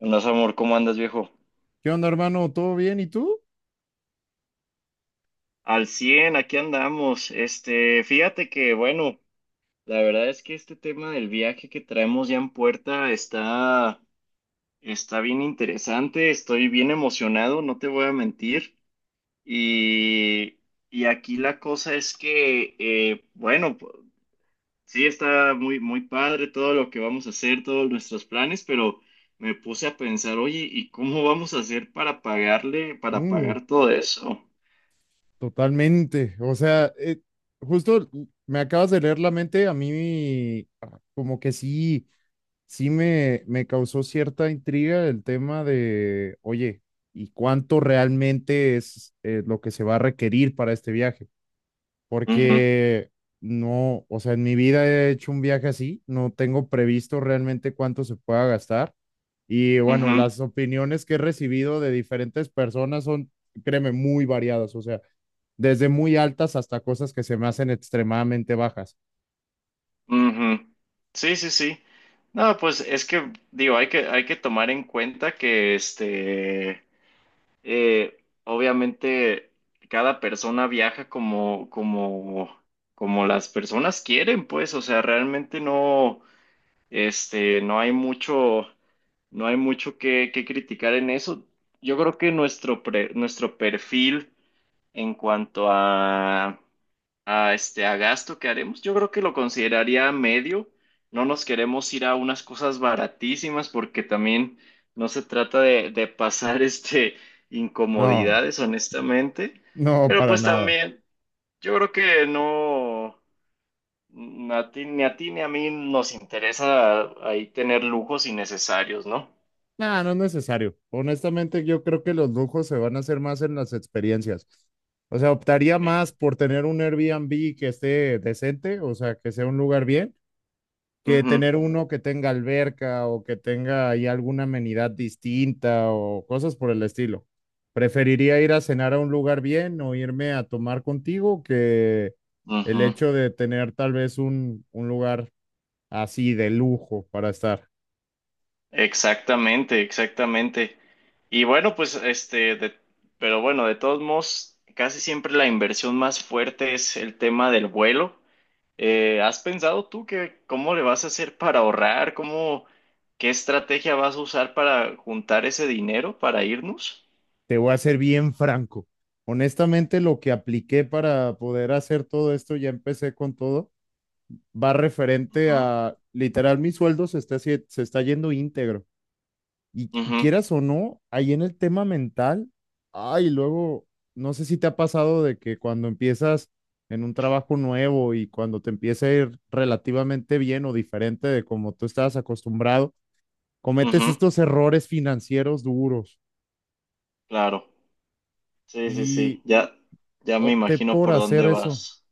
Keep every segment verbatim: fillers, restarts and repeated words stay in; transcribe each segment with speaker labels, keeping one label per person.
Speaker 1: Andas, amor, ¿cómo andas, viejo?
Speaker 2: ¿Qué onda, hermano? ¿Todo bien? ¿Y tú?
Speaker 1: Al cien aquí andamos. Este, fíjate que, bueno, la verdad es que este tema del viaje que traemos ya en puerta está, está bien interesante. Estoy bien emocionado, no te voy a mentir. Y, y aquí la cosa es que, eh, bueno, p- sí está muy, muy padre todo lo que vamos a hacer, todos nuestros planes, pero me puse a pensar, oye, ¿y cómo vamos a hacer para pagarle, para
Speaker 2: Mm,
Speaker 1: pagar todo eso?
Speaker 2: totalmente. O sea, eh, justo me acabas de leer la mente. A mí ah, como que sí, sí me, me causó cierta intriga el tema de, oye, ¿y cuánto realmente es eh, lo que se va a requerir para este viaje? Porque no, o sea, en mi vida he hecho un viaje así, no tengo previsto realmente cuánto se pueda gastar. Y bueno,
Speaker 1: Ujú,
Speaker 2: las opiniones que he recibido de diferentes personas son, créeme, muy variadas, o sea, desde muy altas hasta cosas que se me hacen extremadamente bajas.
Speaker 1: ujú. Sí, sí, sí. No, pues es que digo, hay que, hay que tomar en cuenta que este eh, obviamente cada persona viaja como, como, como las personas quieren, pues. O sea, realmente no, este, no hay mucho, no hay mucho que, que criticar en eso. Yo creo que nuestro pre- nuestro perfil en cuanto a a, este, a gasto que haremos, yo creo que lo consideraría medio. No nos queremos ir a unas cosas baratísimas porque también no se trata de, de pasar este,
Speaker 2: No,
Speaker 1: incomodidades, honestamente.
Speaker 2: no,
Speaker 1: Pero
Speaker 2: para
Speaker 1: pues
Speaker 2: nada.
Speaker 1: también, yo creo que no, n- a ti- ni a ti ni a mí nos interesa ahí tener lujos innecesarios, ¿no?
Speaker 2: No, no es necesario. Honestamente, yo creo que los lujos se van a hacer más en las experiencias. O sea, optaría
Speaker 1: Sí.
Speaker 2: más por tener un Airbnb que esté decente, o sea, que sea un lugar bien que
Speaker 1: Ujú,
Speaker 2: tener uno que tenga alberca o que tenga ahí alguna amenidad distinta o cosas por el estilo. Preferiría ir a cenar a un lugar bien o irme a tomar contigo que el
Speaker 1: ujú.
Speaker 2: hecho de tener tal vez un, un lugar así de lujo para estar.
Speaker 1: Exactamente, exactamente. Y bueno, pues este, de- pero bueno, de todos modos, casi siempre la inversión más fuerte es el tema del vuelo. Eh, ¿has pensado tú que cómo le vas a hacer para ahorrar? ¿Cómo, qué estrategia vas a usar para juntar ese dinero para irnos?
Speaker 2: Te voy a ser bien franco. Honestamente, lo que apliqué para poder hacer todo esto, ya empecé con todo, va referente
Speaker 1: Ujú,
Speaker 2: a literal mi sueldo se está, se está yendo íntegro. Y, y
Speaker 1: ujú,
Speaker 2: quieras o no, ahí en el tema mental, ay, luego, no sé si te ha pasado de que cuando empiezas en un trabajo nuevo y cuando te empieza a ir relativamente bien o diferente de como tú estabas acostumbrado, cometes
Speaker 1: ujú,
Speaker 2: estos errores financieros duros
Speaker 1: claro. Sí, sí, sí.
Speaker 2: y
Speaker 1: Ya, ya me
Speaker 2: opté
Speaker 1: imagino
Speaker 2: por
Speaker 1: por
Speaker 2: hacer
Speaker 1: dónde
Speaker 2: eso.
Speaker 1: vas.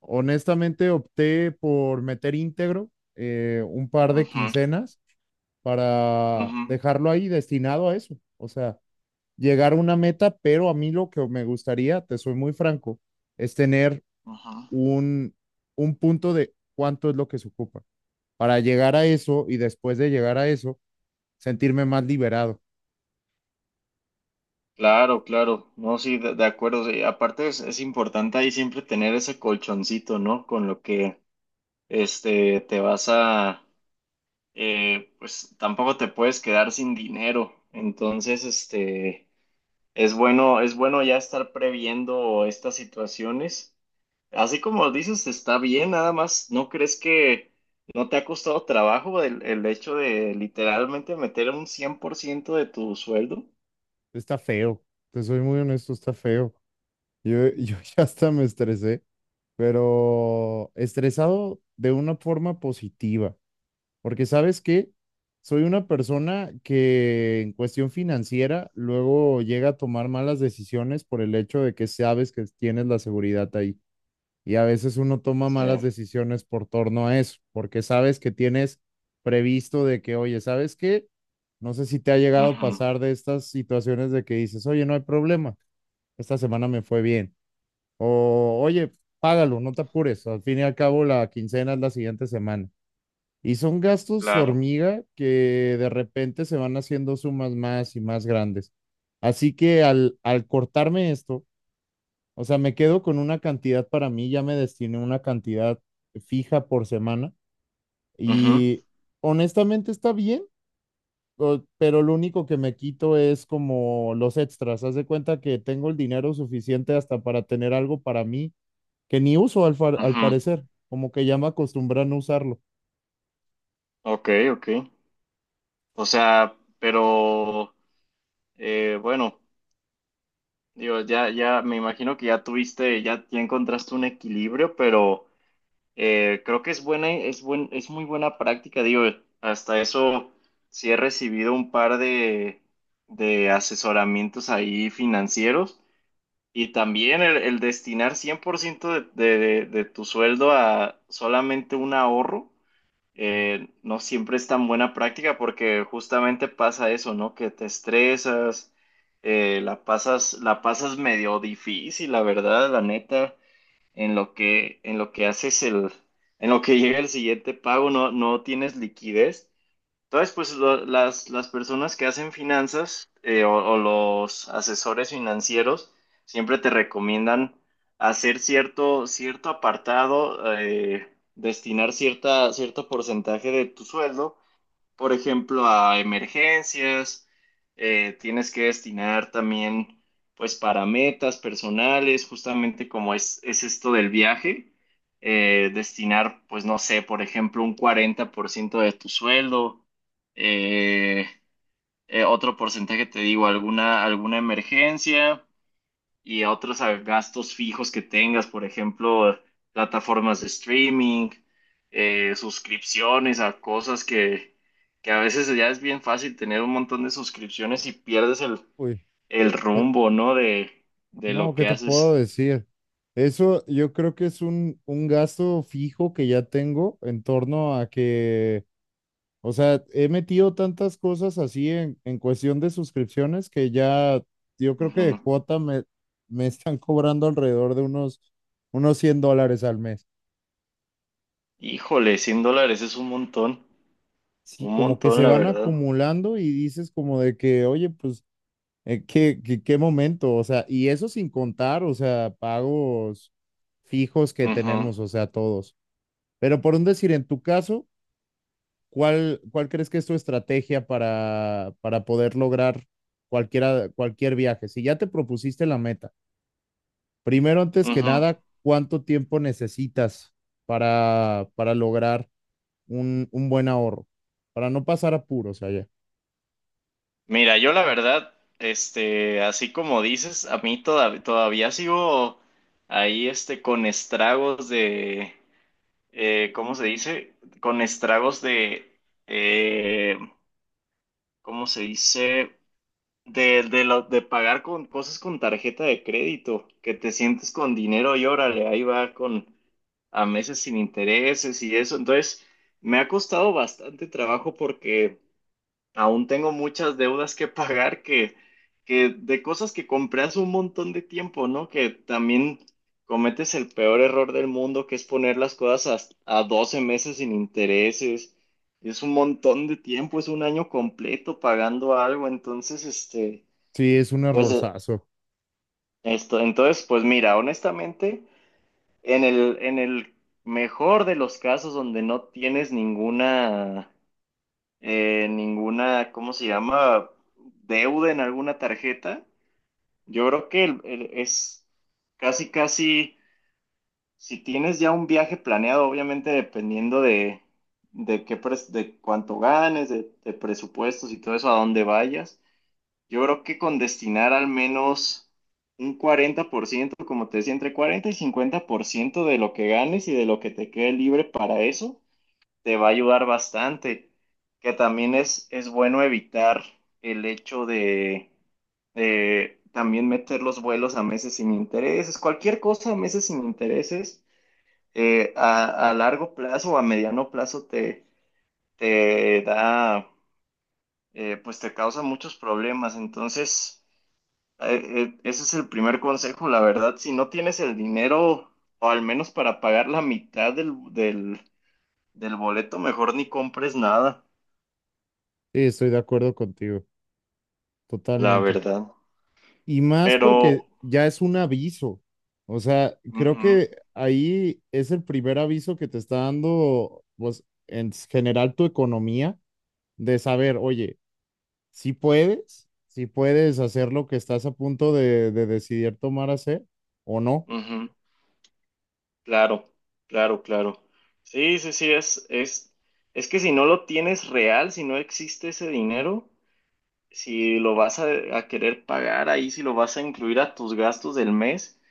Speaker 2: Honestamente, opté por meter íntegro eh, un par de
Speaker 1: Ujú,
Speaker 2: quincenas para
Speaker 1: ujú,
Speaker 2: dejarlo ahí destinado a eso. O sea, llegar a una meta, pero a mí lo que me gustaría, te soy muy franco, es tener
Speaker 1: ujú.
Speaker 2: un, un punto de cuánto es lo que se ocupa para llegar a eso y después de llegar a eso, sentirme más liberado.
Speaker 1: Claro, claro, no, sí, de, de acuerdo, sí. Aparte es, es importante ahí siempre tener ese colchoncito, ¿no? Con lo que, este, te vas a, eh, pues tampoco te puedes quedar sin dinero, entonces, este, es bueno, es bueno ya estar previendo estas situaciones, así como dices, está bien, nada más, ¿no crees que no te ha costado trabajo el, el hecho de literalmente meter un cien por ciento de tu sueldo?
Speaker 2: Está feo, te soy muy honesto, está feo. Yo, yo ya hasta me estresé, pero estresado de una forma positiva. Porque sabes que soy una persona que en cuestión financiera luego llega a tomar malas decisiones por el hecho de que sabes que tienes la seguridad ahí. Y a veces uno toma
Speaker 1: Sí,
Speaker 2: malas decisiones por torno a eso, porque sabes que tienes previsto de que, oye, ¿sabes qué? No sé si te ha llegado a
Speaker 1: ujú,
Speaker 2: pasar de estas situaciones de que dices, oye, no hay problema, esta semana me fue bien. O, oye, págalo, no te apures, al fin y al cabo la quincena es la siguiente semana. Y son gastos
Speaker 1: claro.
Speaker 2: hormiga que de repente se van haciendo sumas más y más grandes. Así que al, al cortarme esto, o sea, me quedo con una cantidad para mí, ya me destiné una cantidad fija por semana
Speaker 1: Ujú,
Speaker 2: y honestamente está bien, o- pero lo único que me quito es como los extras. Haz de cuenta que tengo el dinero suficiente hasta para tener algo para mí que ni uso al, fa- al
Speaker 1: ujú.
Speaker 2: parecer, como que ya me acostumbré a no usarlo.
Speaker 1: Ok, ok. O sea, pero eh, bueno, digo, ya, ya me imagino que ya tuviste, ya, ya encontraste un equilibrio, pero eh, creo que es buena, es buen, es muy buena práctica, digo, hasta eso sí he recibido un par de, de asesoramientos ahí financieros y también el, el destinar cien por ciento de, de, de de tu sueldo a solamente un ahorro. eh, no siempre es tan buena práctica porque justamente pasa eso, ¿no? Que te estresas, eh, la pasas, la pasas medio difícil, la verdad, la neta, en lo que, en lo que haces el, en lo que llega el siguiente pago, no, no tienes liquidez. Entonces, pues lo- las, las personas que hacen finanzas eh, o, o los asesores financieros siempre te recomiendan hacer cierto, cierto apartado, eh, destinar cierta, cierto porcentaje de tu sueldo por ejemplo, a emergencias, eh, tienes que destinar también, pues, para metas personales, justamente como es, es esto del viaje, eh, destinar, pues, no sé, por ejemplo, un cuarenta por ciento de tu sueldo, eh, eh, otro porcentaje, te digo, alguna, alguna emergencia y a otros a gastos fijos que tengas, por ejemplo, plataformas de streaming, eh, suscripciones a cosas que, que a veces ya es bien fácil tener un montón de suscripciones y pierdes el,
Speaker 2: Uy.
Speaker 1: el rumbo, ¿no? De, de
Speaker 2: No,
Speaker 1: lo
Speaker 2: ¿qué
Speaker 1: que
Speaker 2: te puedo
Speaker 1: haces.
Speaker 2: decir? Eso yo creo que es un, un gasto fijo que ya tengo en torno a que, o sea, he metido tantas cosas así en, en cuestión de suscripciones que ya yo creo que de
Speaker 1: Ujú.
Speaker 2: cuota me, me están cobrando alrededor de unos, unos cien dólares al mes.
Speaker 1: Híjole, cien dólares es un montón,
Speaker 2: Sí,
Speaker 1: un
Speaker 2: como que
Speaker 1: montón,
Speaker 2: se
Speaker 1: la
Speaker 2: van
Speaker 1: verdad.
Speaker 2: acumulando y dices como de que, oye, pues, eh, ¿qué, qué, qué momento? O sea, y eso sin contar, o sea, pagos fijos que
Speaker 1: Ujú,
Speaker 2: tenemos, o sea, todos. Pero por un decir, en tu caso, ¿cuál, cuál crees que es tu estrategia para, para poder lograr cualquiera, cualquier viaje? Si ya te propusiste la meta, primero, antes que
Speaker 1: ujú.
Speaker 2: nada, ¿cuánto tiempo necesitas para, para lograr un, un buen ahorro? Para no pasar apuros allá.
Speaker 1: Mira, yo la verdad, este, así como dices, a mí toda- todavía sigo ahí, este, con estragos de, eh, ¿cómo se dice? Con estragos de, eh, ¿cómo se dice? De, de, lo, de pagar con cosas con tarjeta de crédito, que te sientes con dinero y órale, ahí va con a meses sin intereses y eso. Entonces, me ha costado bastante trabajo porque aún tengo muchas deudas que pagar que, que de cosas que compré hace un montón de tiempo, ¿no? Que también cometes el peor error del mundo, que es poner las cosas a, a doce meses sin intereses. Es un montón de tiempo, es un año completo pagando algo. Entonces, este,
Speaker 2: Sí, es un
Speaker 1: pues eh,
Speaker 2: errorzazo.
Speaker 1: esto, entonces, pues mira, honestamente, en el, en el mejor de los casos donde no tienes ninguna eh, ninguna, ¿cómo se llama? Deuda en alguna tarjeta. Yo creo que el- el- es casi, casi, si tienes ya un viaje planeado, obviamente dependiendo de, de qué, pres- de cuánto ganes, de, de presupuestos y todo eso, a dónde vayas. Yo creo que con destinar al menos un cuarenta por ciento como te decía, entre cuarenta y cincuenta por ciento de lo que ganes y de lo que te quede libre para eso te va a ayudar bastante, que también es, es bueno evitar el hecho de, de también meter los vuelos a meses sin intereses, cualquier cosa a meses sin intereses, eh, a, a largo plazo o a mediano plazo te, te da, eh, pues te causa muchos problemas, entonces eh, eh, ese es el primer consejo, la verdad, si no tienes el dinero o al menos para pagar la mitad del, del del boleto, mejor ni compres nada.
Speaker 2: Sí, estoy de acuerdo contigo,
Speaker 1: La
Speaker 2: totalmente.
Speaker 1: verdad.
Speaker 2: Y más
Speaker 1: Pero,
Speaker 2: porque ya es un aviso. O sea, creo
Speaker 1: ujú,
Speaker 2: que ahí es el primer aviso que te está dando, pues, en general tu economía, de saber, oye, si puedes, si puedes hacer lo que estás a punto de, de decidir tomar hacer o no.
Speaker 1: ujú, claro, claro, claro. Sí, sí, sí, es, es, es que si no lo tienes real, si no existe ese dinero, si lo vas a, a querer pagar ahí, si lo vas a incluir a tus gastos del mes,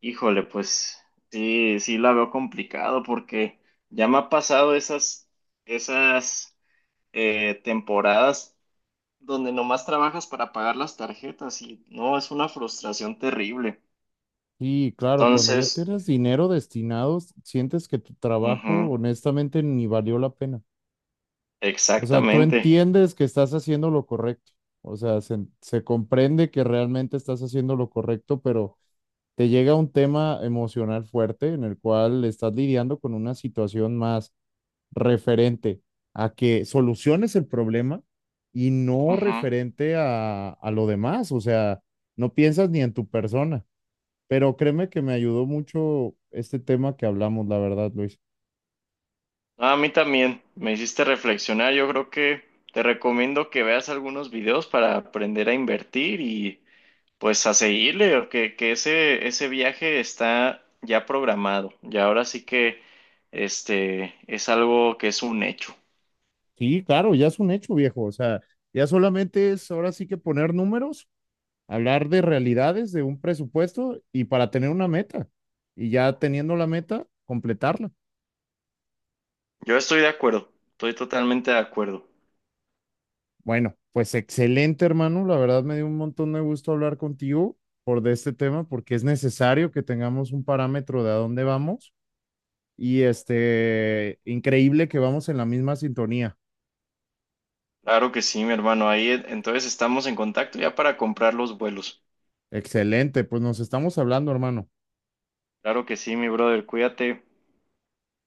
Speaker 1: híjole, pues sí, sí la veo complicado porque ya me ha pasado esas, esas eh, temporadas donde nomás trabajas para pagar las tarjetas y no, es una frustración terrible.
Speaker 2: Y claro, cuando ya
Speaker 1: Entonces,
Speaker 2: tienes dinero destinado, sientes que tu trabajo
Speaker 1: ujú,
Speaker 2: honestamente ni valió la pena. O sea, tú
Speaker 1: exactamente.
Speaker 2: entiendes que estás haciendo lo correcto. O sea, se, se comprende que realmente estás haciendo lo correcto, pero te llega un tema emocional fuerte en el cual estás lidiando con una situación más referente a que soluciones el problema y no
Speaker 1: Ujú.
Speaker 2: referente a, a lo demás. O sea, no piensas ni en tu persona. Pero créeme que me ayudó mucho este tema que hablamos, la verdad, Luis.
Speaker 1: No, a mí también me hiciste reflexionar. Yo creo que te recomiendo que veas algunos videos para aprender a invertir y pues a seguirle, o que, que ese, ese viaje está ya programado. Y ahora sí que este es algo que es un hecho.
Speaker 2: Sí, claro, ya es un hecho, viejo. O sea, ya solamente es ahora sí que poner números, hablar de realidades, de un presupuesto y para tener una meta. Y ya teniendo la meta, completarla.
Speaker 1: Yo estoy de acuerdo, estoy totalmente de acuerdo.
Speaker 2: Bueno, pues excelente, hermano. La verdad me dio un montón de gusto hablar contigo por de este tema porque es necesario que tengamos un parámetro de a dónde vamos. Y este, increíble que vamos en la misma sintonía.
Speaker 1: Claro que sí, mi hermano. Ahí eh, entonces estamos en contacto ya para comprar los vuelos.
Speaker 2: Excelente, pues nos estamos hablando, hermano.
Speaker 1: Claro que sí, mi brother. Cuídate.